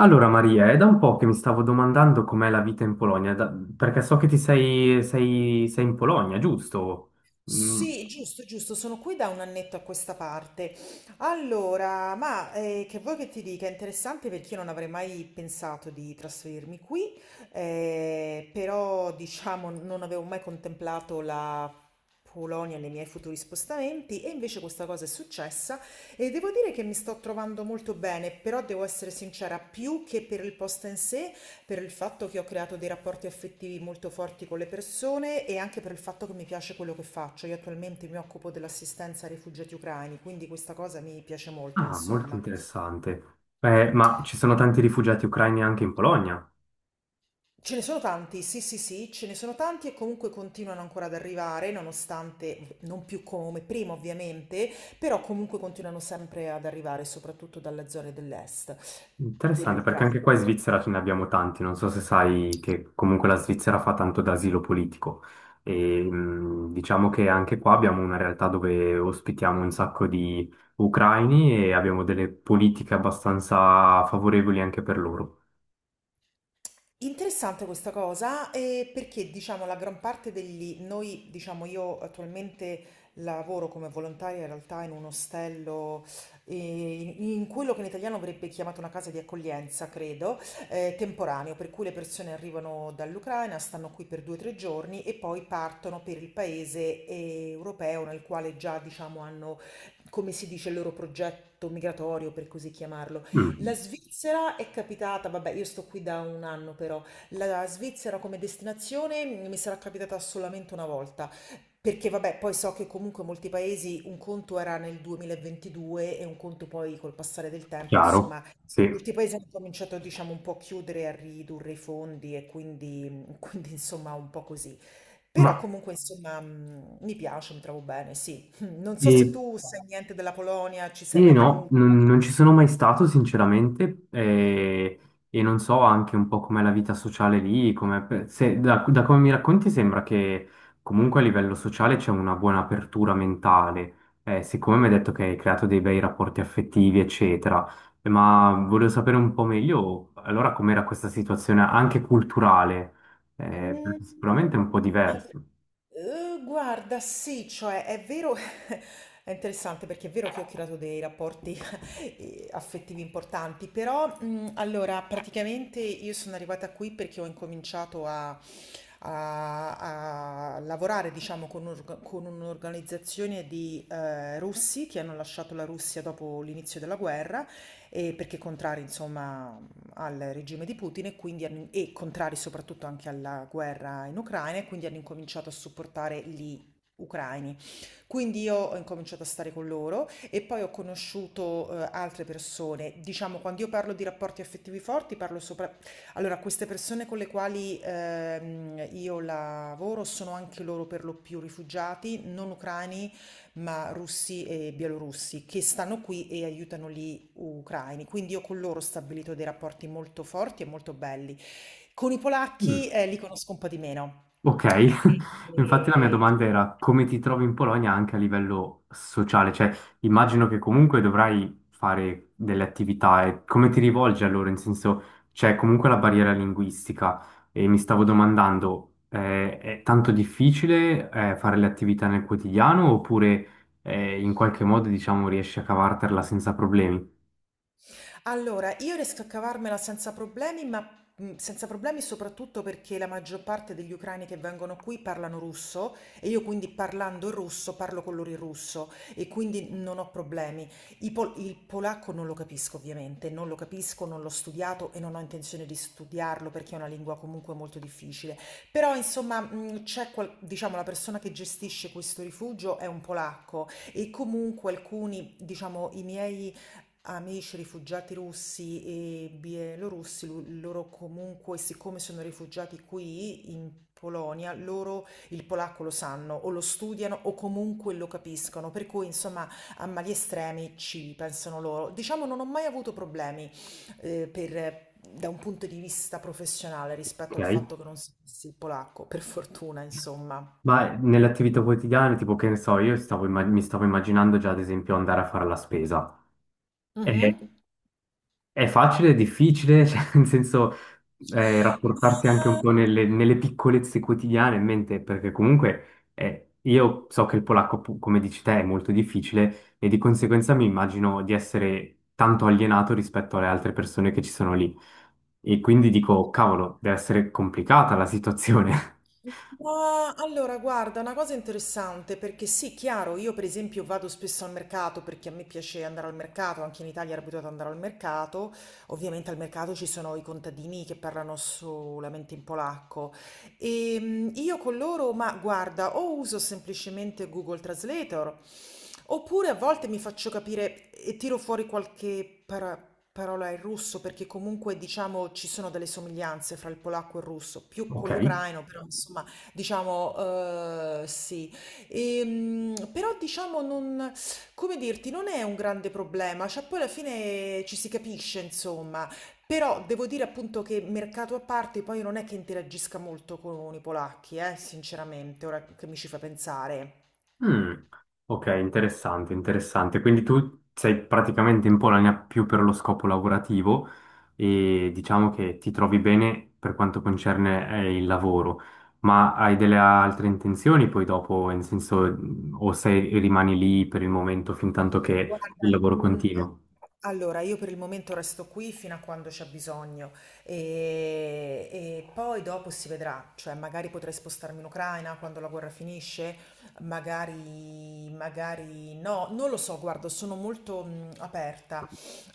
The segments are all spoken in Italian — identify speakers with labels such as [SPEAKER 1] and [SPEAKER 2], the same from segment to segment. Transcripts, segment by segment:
[SPEAKER 1] Allora Maria, è da un po' che mi stavo domandando com'è la vita in Polonia, perché so che sei in Polonia, giusto? Mm.
[SPEAKER 2] Sì, giusto, giusto, sono qui da un annetto a questa parte. Allora, ma che vuoi che ti dica? È interessante perché io non avrei mai pensato di trasferirmi qui, però diciamo non avevo mai contemplato la Polonia nei miei futuri spostamenti e invece questa cosa è successa e devo dire che mi sto trovando molto bene, però devo essere sincera, più che per il posto in sé. Per il fatto che ho creato dei rapporti affettivi molto forti con le persone e anche per il fatto che mi piace quello che faccio. Io attualmente mi occupo dell'assistenza ai rifugiati ucraini, quindi questa cosa mi piace molto,
[SPEAKER 1] Ah, molto
[SPEAKER 2] insomma.
[SPEAKER 1] interessante. Ma ci sono tanti rifugiati ucraini anche in Polonia?
[SPEAKER 2] Ce ne sono tanti, sì, sì, sì, ce ne sono tanti e comunque continuano ancora ad arrivare, nonostante non più come prima, ovviamente, però comunque continuano sempre ad arrivare, soprattutto dalle zone dell'est
[SPEAKER 1] Interessante, perché anche
[SPEAKER 2] dell'Ucraina.
[SPEAKER 1] qua in Svizzera ce ne abbiamo tanti. Non so se sai che comunque la Svizzera fa tanto d'asilo politico. E, mm, diciamo che anche qua abbiamo una realtà dove ospitiamo un sacco di ucraini e abbiamo delle politiche abbastanza favorevoli anche per loro.
[SPEAKER 2] Interessante questa cosa, perché diciamo la gran parte degli, noi diciamo io attualmente lavoro come volontaria in realtà in un ostello, in quello che in italiano verrebbe chiamato una casa di accoglienza, credo, temporaneo, per cui le persone arrivano dall'Ucraina, stanno qui per 2 o 3 giorni e poi partono per il paese europeo nel quale già diciamo hanno, come si dice, il loro progetto migratorio, per così chiamarlo. La
[SPEAKER 1] Mm,
[SPEAKER 2] Svizzera è capitata, vabbè, io sto qui da 1 anno però, la Svizzera come destinazione mi sarà capitata solamente una volta, perché vabbè, poi so che comunque molti paesi un conto era nel 2022 e un conto poi col passare del tempo,
[SPEAKER 1] chiaro,
[SPEAKER 2] insomma,
[SPEAKER 1] sì.
[SPEAKER 2] molti paesi hanno cominciato, diciamo, un po' a chiudere, e a ridurre i fondi e quindi, quindi insomma, un po' così.
[SPEAKER 1] Ma
[SPEAKER 2] Però comunque, insomma, mi piace, mi trovo bene, sì. Non so se
[SPEAKER 1] eh,
[SPEAKER 2] tu sai niente della Polonia, ci sei
[SPEAKER 1] eh,
[SPEAKER 2] mai
[SPEAKER 1] no,
[SPEAKER 2] venuto.
[SPEAKER 1] non, non ci sono mai stato, sinceramente, e non so anche un po' com'è la vita sociale lì, da come mi racconti sembra che comunque a livello sociale c'è una buona apertura mentale. Siccome mi hai detto che hai creato dei bei rapporti affettivi, eccetera, ma volevo sapere un po' meglio allora com'era questa situazione anche culturale, perché sicuramente è un po'
[SPEAKER 2] Mhmm,
[SPEAKER 1] diverso.
[SPEAKER 2] guarda sì, cioè è vero è interessante perché è vero che ho creato dei rapporti, affettivi importanti, però, mhmm, allora praticamente io sono arrivata qui perché ho incominciato a lavorare diciamo con un'org con un'organizzazione di, russi che hanno lasciato la Russia dopo l'inizio della guerra, perché contrari insomma al regime di Putin e quindi e contrari soprattutto anche alla guerra in Ucraina e quindi hanno incominciato a supportare gli ucraini. Quindi io ho incominciato a stare con loro e poi ho conosciuto altre persone. Diciamo, quando io parlo di rapporti affettivi forti, parlo sopra... Allora, queste persone con le quali io lavoro sono anche loro per lo più rifugiati, non ucraini ma russi e bielorussi che stanno qui e aiutano gli ucraini. Quindi io con loro ho stabilito dei rapporti molto forti e molto belli. Con i polacchi li conosco un po' di meno.
[SPEAKER 1] Ok, infatti la mia
[SPEAKER 2] E-
[SPEAKER 1] domanda era come ti trovi in Polonia anche a livello sociale, cioè immagino che comunque dovrai fare delle attività e come ti rivolgi allora, in senso c'è comunque la barriera linguistica e mi stavo domandando è tanto difficile fare le attività nel quotidiano oppure in qualche modo diciamo riesci a cavartela senza problemi?
[SPEAKER 2] Allora, io riesco a cavarmela senza problemi, ma senza problemi soprattutto perché la maggior parte degli ucraini che vengono qui parlano russo e io quindi parlando il russo parlo con loro in russo e quindi non ho problemi. Il polacco non lo capisco ovviamente, non lo capisco, non l'ho studiato e non ho intenzione di studiarlo perché è una lingua comunque molto difficile. Però insomma, diciamo la persona che gestisce questo rifugio è un polacco e comunque alcuni, diciamo, i miei amici rifugiati russi e bielorussi, loro comunque, siccome sono rifugiati qui in Polonia, loro il polacco lo sanno o lo studiano o comunque lo capiscono, per cui insomma a mali estremi ci pensano loro. Diciamo non ho mai avuto problemi da un punto di vista professionale rispetto al
[SPEAKER 1] Ok.
[SPEAKER 2] fatto che non sapessi il polacco, per fortuna insomma.
[SPEAKER 1] Ma nelle attività quotidiane, tipo che ne so, io stavo mi stavo immaginando già ad esempio andare a fare la spesa. È,
[SPEAKER 2] Mhm.
[SPEAKER 1] è facile, è difficile, cioè, nel senso rapportarsi anche un
[SPEAKER 2] Ma-
[SPEAKER 1] po' nelle piccolezze quotidiane in mente, perché comunque io so che il polacco, come dici te, è molto difficile e di conseguenza mi immagino di essere tanto alienato rispetto alle altre persone che ci sono lì. E quindi dico, cavolo, deve essere complicata la situazione.
[SPEAKER 2] Ma allora, guarda, una cosa interessante perché sì, chiaro, io per esempio vado spesso al mercato perché a me piace andare al mercato, anche in Italia ero abituata ad andare al mercato, ovviamente al mercato ci sono i contadini che parlano solamente in polacco e io con loro, ma guarda, o uso semplicemente Google Translator. Oppure a volte mi faccio capire e tiro fuori parola in russo perché comunque diciamo ci sono delle somiglianze fra il polacco e il russo, più
[SPEAKER 1] Ok.
[SPEAKER 2] con l'ucraino, però insomma diciamo sì. Però diciamo non, come dirti, non è un grande problema, cioè poi alla fine ci si capisce insomma. Però devo dire appunto che mercato a parte poi non è che interagisca molto con i polacchi, sinceramente, ora che mi ci fa pensare.
[SPEAKER 1] Mm, ok, interessante, interessante. Quindi tu sei praticamente in Polonia più per lo scopo lavorativo e diciamo che ti trovi bene per quanto concerne il lavoro, ma hai delle altre intenzioni poi dopo, nel senso, o sei, rimani lì per il momento fin tanto che il
[SPEAKER 2] Guarda,
[SPEAKER 1] lavoro continua?
[SPEAKER 2] allora io per il momento resto qui fino a quando c'è bisogno e poi dopo si vedrà, cioè magari potrei spostarmi in Ucraina quando la guerra finisce, magari, magari no, non lo so, guarda, sono molto aperta.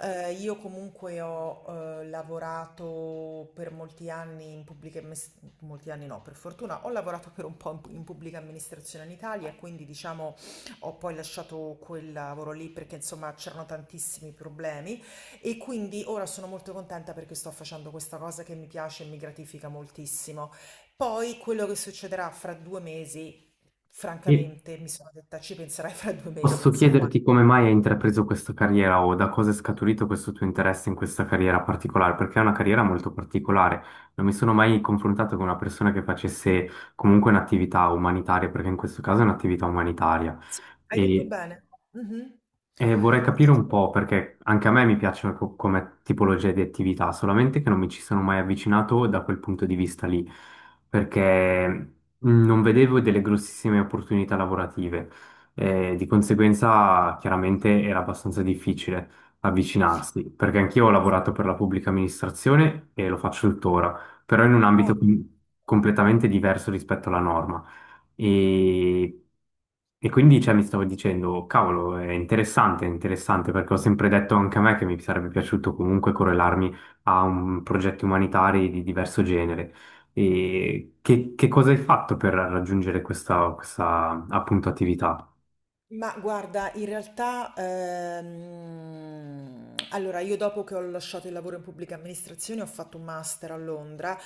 [SPEAKER 2] Io comunque ho lavorato per molti anni in molti anni no, per fortuna, ho lavorato per un po' in in pubblica amministrazione in Italia, quindi diciamo... Ho poi lasciato quel lavoro lì perché insomma c'erano tantissimi problemi e quindi ora sono molto contenta perché sto facendo questa cosa che mi piace e mi gratifica moltissimo. Poi quello che succederà fra 2 mesi,
[SPEAKER 1] Sì.
[SPEAKER 2] francamente mi sono detta ci penserai fra 2 mesi,
[SPEAKER 1] Posso
[SPEAKER 2] insomma.
[SPEAKER 1] chiederti come mai hai intrapreso questa carriera o da cosa è scaturito questo tuo interesse in questa carriera particolare? Perché è una carriera molto particolare. Non mi sono mai confrontato con una persona che facesse comunque un'attività umanitaria, perché in questo caso è un'attività umanitaria.
[SPEAKER 2] Hai detto
[SPEAKER 1] E
[SPEAKER 2] bene? Mhm.
[SPEAKER 1] e vorrei capire un po' perché anche a me mi piacciono come tipologia di attività, solamente che non mi ci sono mai avvicinato da quel punto di vista lì, perché mhmm, non vedevo delle grossissime opportunità lavorative, e di conseguenza chiaramente era abbastanza difficile avvicinarsi, perché anch'io ho lavorato per la pubblica amministrazione e lo faccio tuttora, però in un ambito
[SPEAKER 2] Oh,
[SPEAKER 1] completamente diverso rispetto alla norma. E, e quindi cioè, mi stavo dicendo, cavolo, è interessante, perché ho sempre detto anche a me che mi sarebbe piaciuto comunque correlarmi a un progetto umanitario di diverso genere. E che cosa hai fatto per raggiungere questa appunto attività?
[SPEAKER 2] ma guarda, in realtà, allora io dopo che ho lasciato il lavoro in pubblica amministrazione ho fatto un master a Londra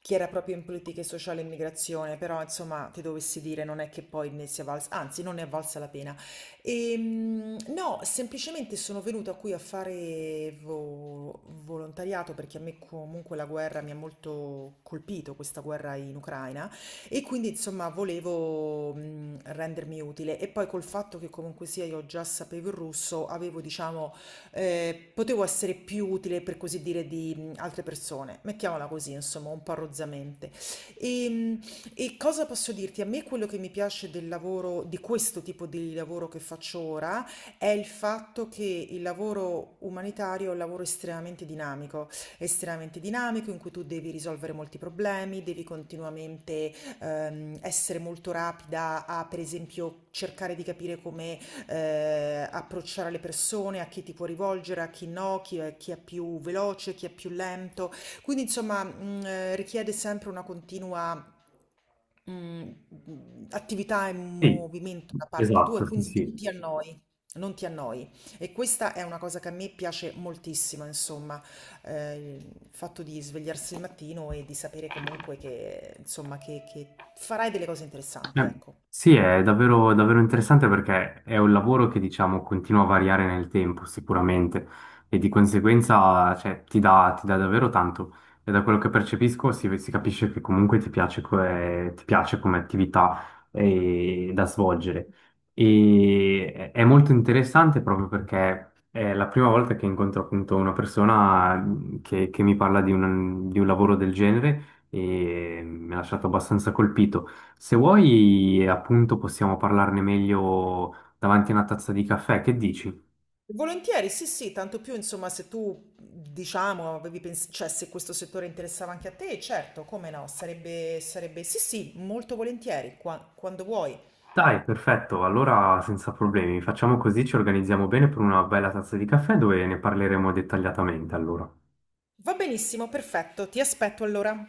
[SPEAKER 2] chi era proprio in politiche sociali e immigrazione, però insomma ti dovessi dire non è che poi ne sia valsa, anzi non ne è valsa la pena. No, semplicemente sono venuta qui a fare volontariato perché a me comunque la guerra mi ha molto colpito, questa guerra in Ucraina, e quindi insomma volevo rendermi utile. E poi col fatto che comunque sia io già sapevo il russo, avevo diciamo potevo essere più utile, per così dire, di altre persone. Mettiamola così, insomma, un po' rozzamente. E, mh, e cosa posso dirti? A me quello che mi piace del lavoro, di questo tipo di lavoro che faccio ora, è il fatto che il lavoro umanitario è un lavoro estremamente dinamico in cui tu devi risolvere molti problemi, devi continuamente essere molto rapida a, per esempio, cercare di capire come approcciare le persone, a chi ti puoi rivolgere, a chi no, chi è più veloce, chi è più lento. Quindi insomma richiede sempre una continua mh, attività e
[SPEAKER 1] Sì,
[SPEAKER 2] movimento da parte tua
[SPEAKER 1] esatto,
[SPEAKER 2] e
[SPEAKER 1] sì.
[SPEAKER 2] quindi non
[SPEAKER 1] Sì.
[SPEAKER 2] ti annoi. Non ti annoi e questa è una cosa che a me piace moltissimo, insomma, il fatto di svegliarsi il mattino e di sapere comunque che, insomma, che farai delle cose interessanti,
[SPEAKER 1] Eh,
[SPEAKER 2] ecco.
[SPEAKER 1] Sì, è davvero, davvero interessante perché è un lavoro che diciamo continua a variare nel tempo sicuramente e di conseguenza cioè, ti dà davvero tanto e da quello che percepisco si capisce che comunque ti piace, ti piace come attività da svolgere e è molto interessante proprio perché è la prima volta che incontro appunto una persona mm, che mi parla di un lavoro del genere e mi ha lasciato abbastanza colpito. Se vuoi, appunto, possiamo parlarne meglio davanti a una tazza di caffè, che dici?
[SPEAKER 2] Volentieri, sì, sì, tanto più, insomma, se tu, diciamo, cioè, se questo settore interessava anche a te, certo, come no, sarebbe, sarebbe, sì, sì, molto volentieri, quando vuoi.
[SPEAKER 1] Dai, perfetto, allora senza problemi, facciamo così, ci organizziamo bene per una bella tazza di caffè dove ne parleremo dettagliatamente, allora.
[SPEAKER 2] Va benissimo, perfetto, ti aspetto allora.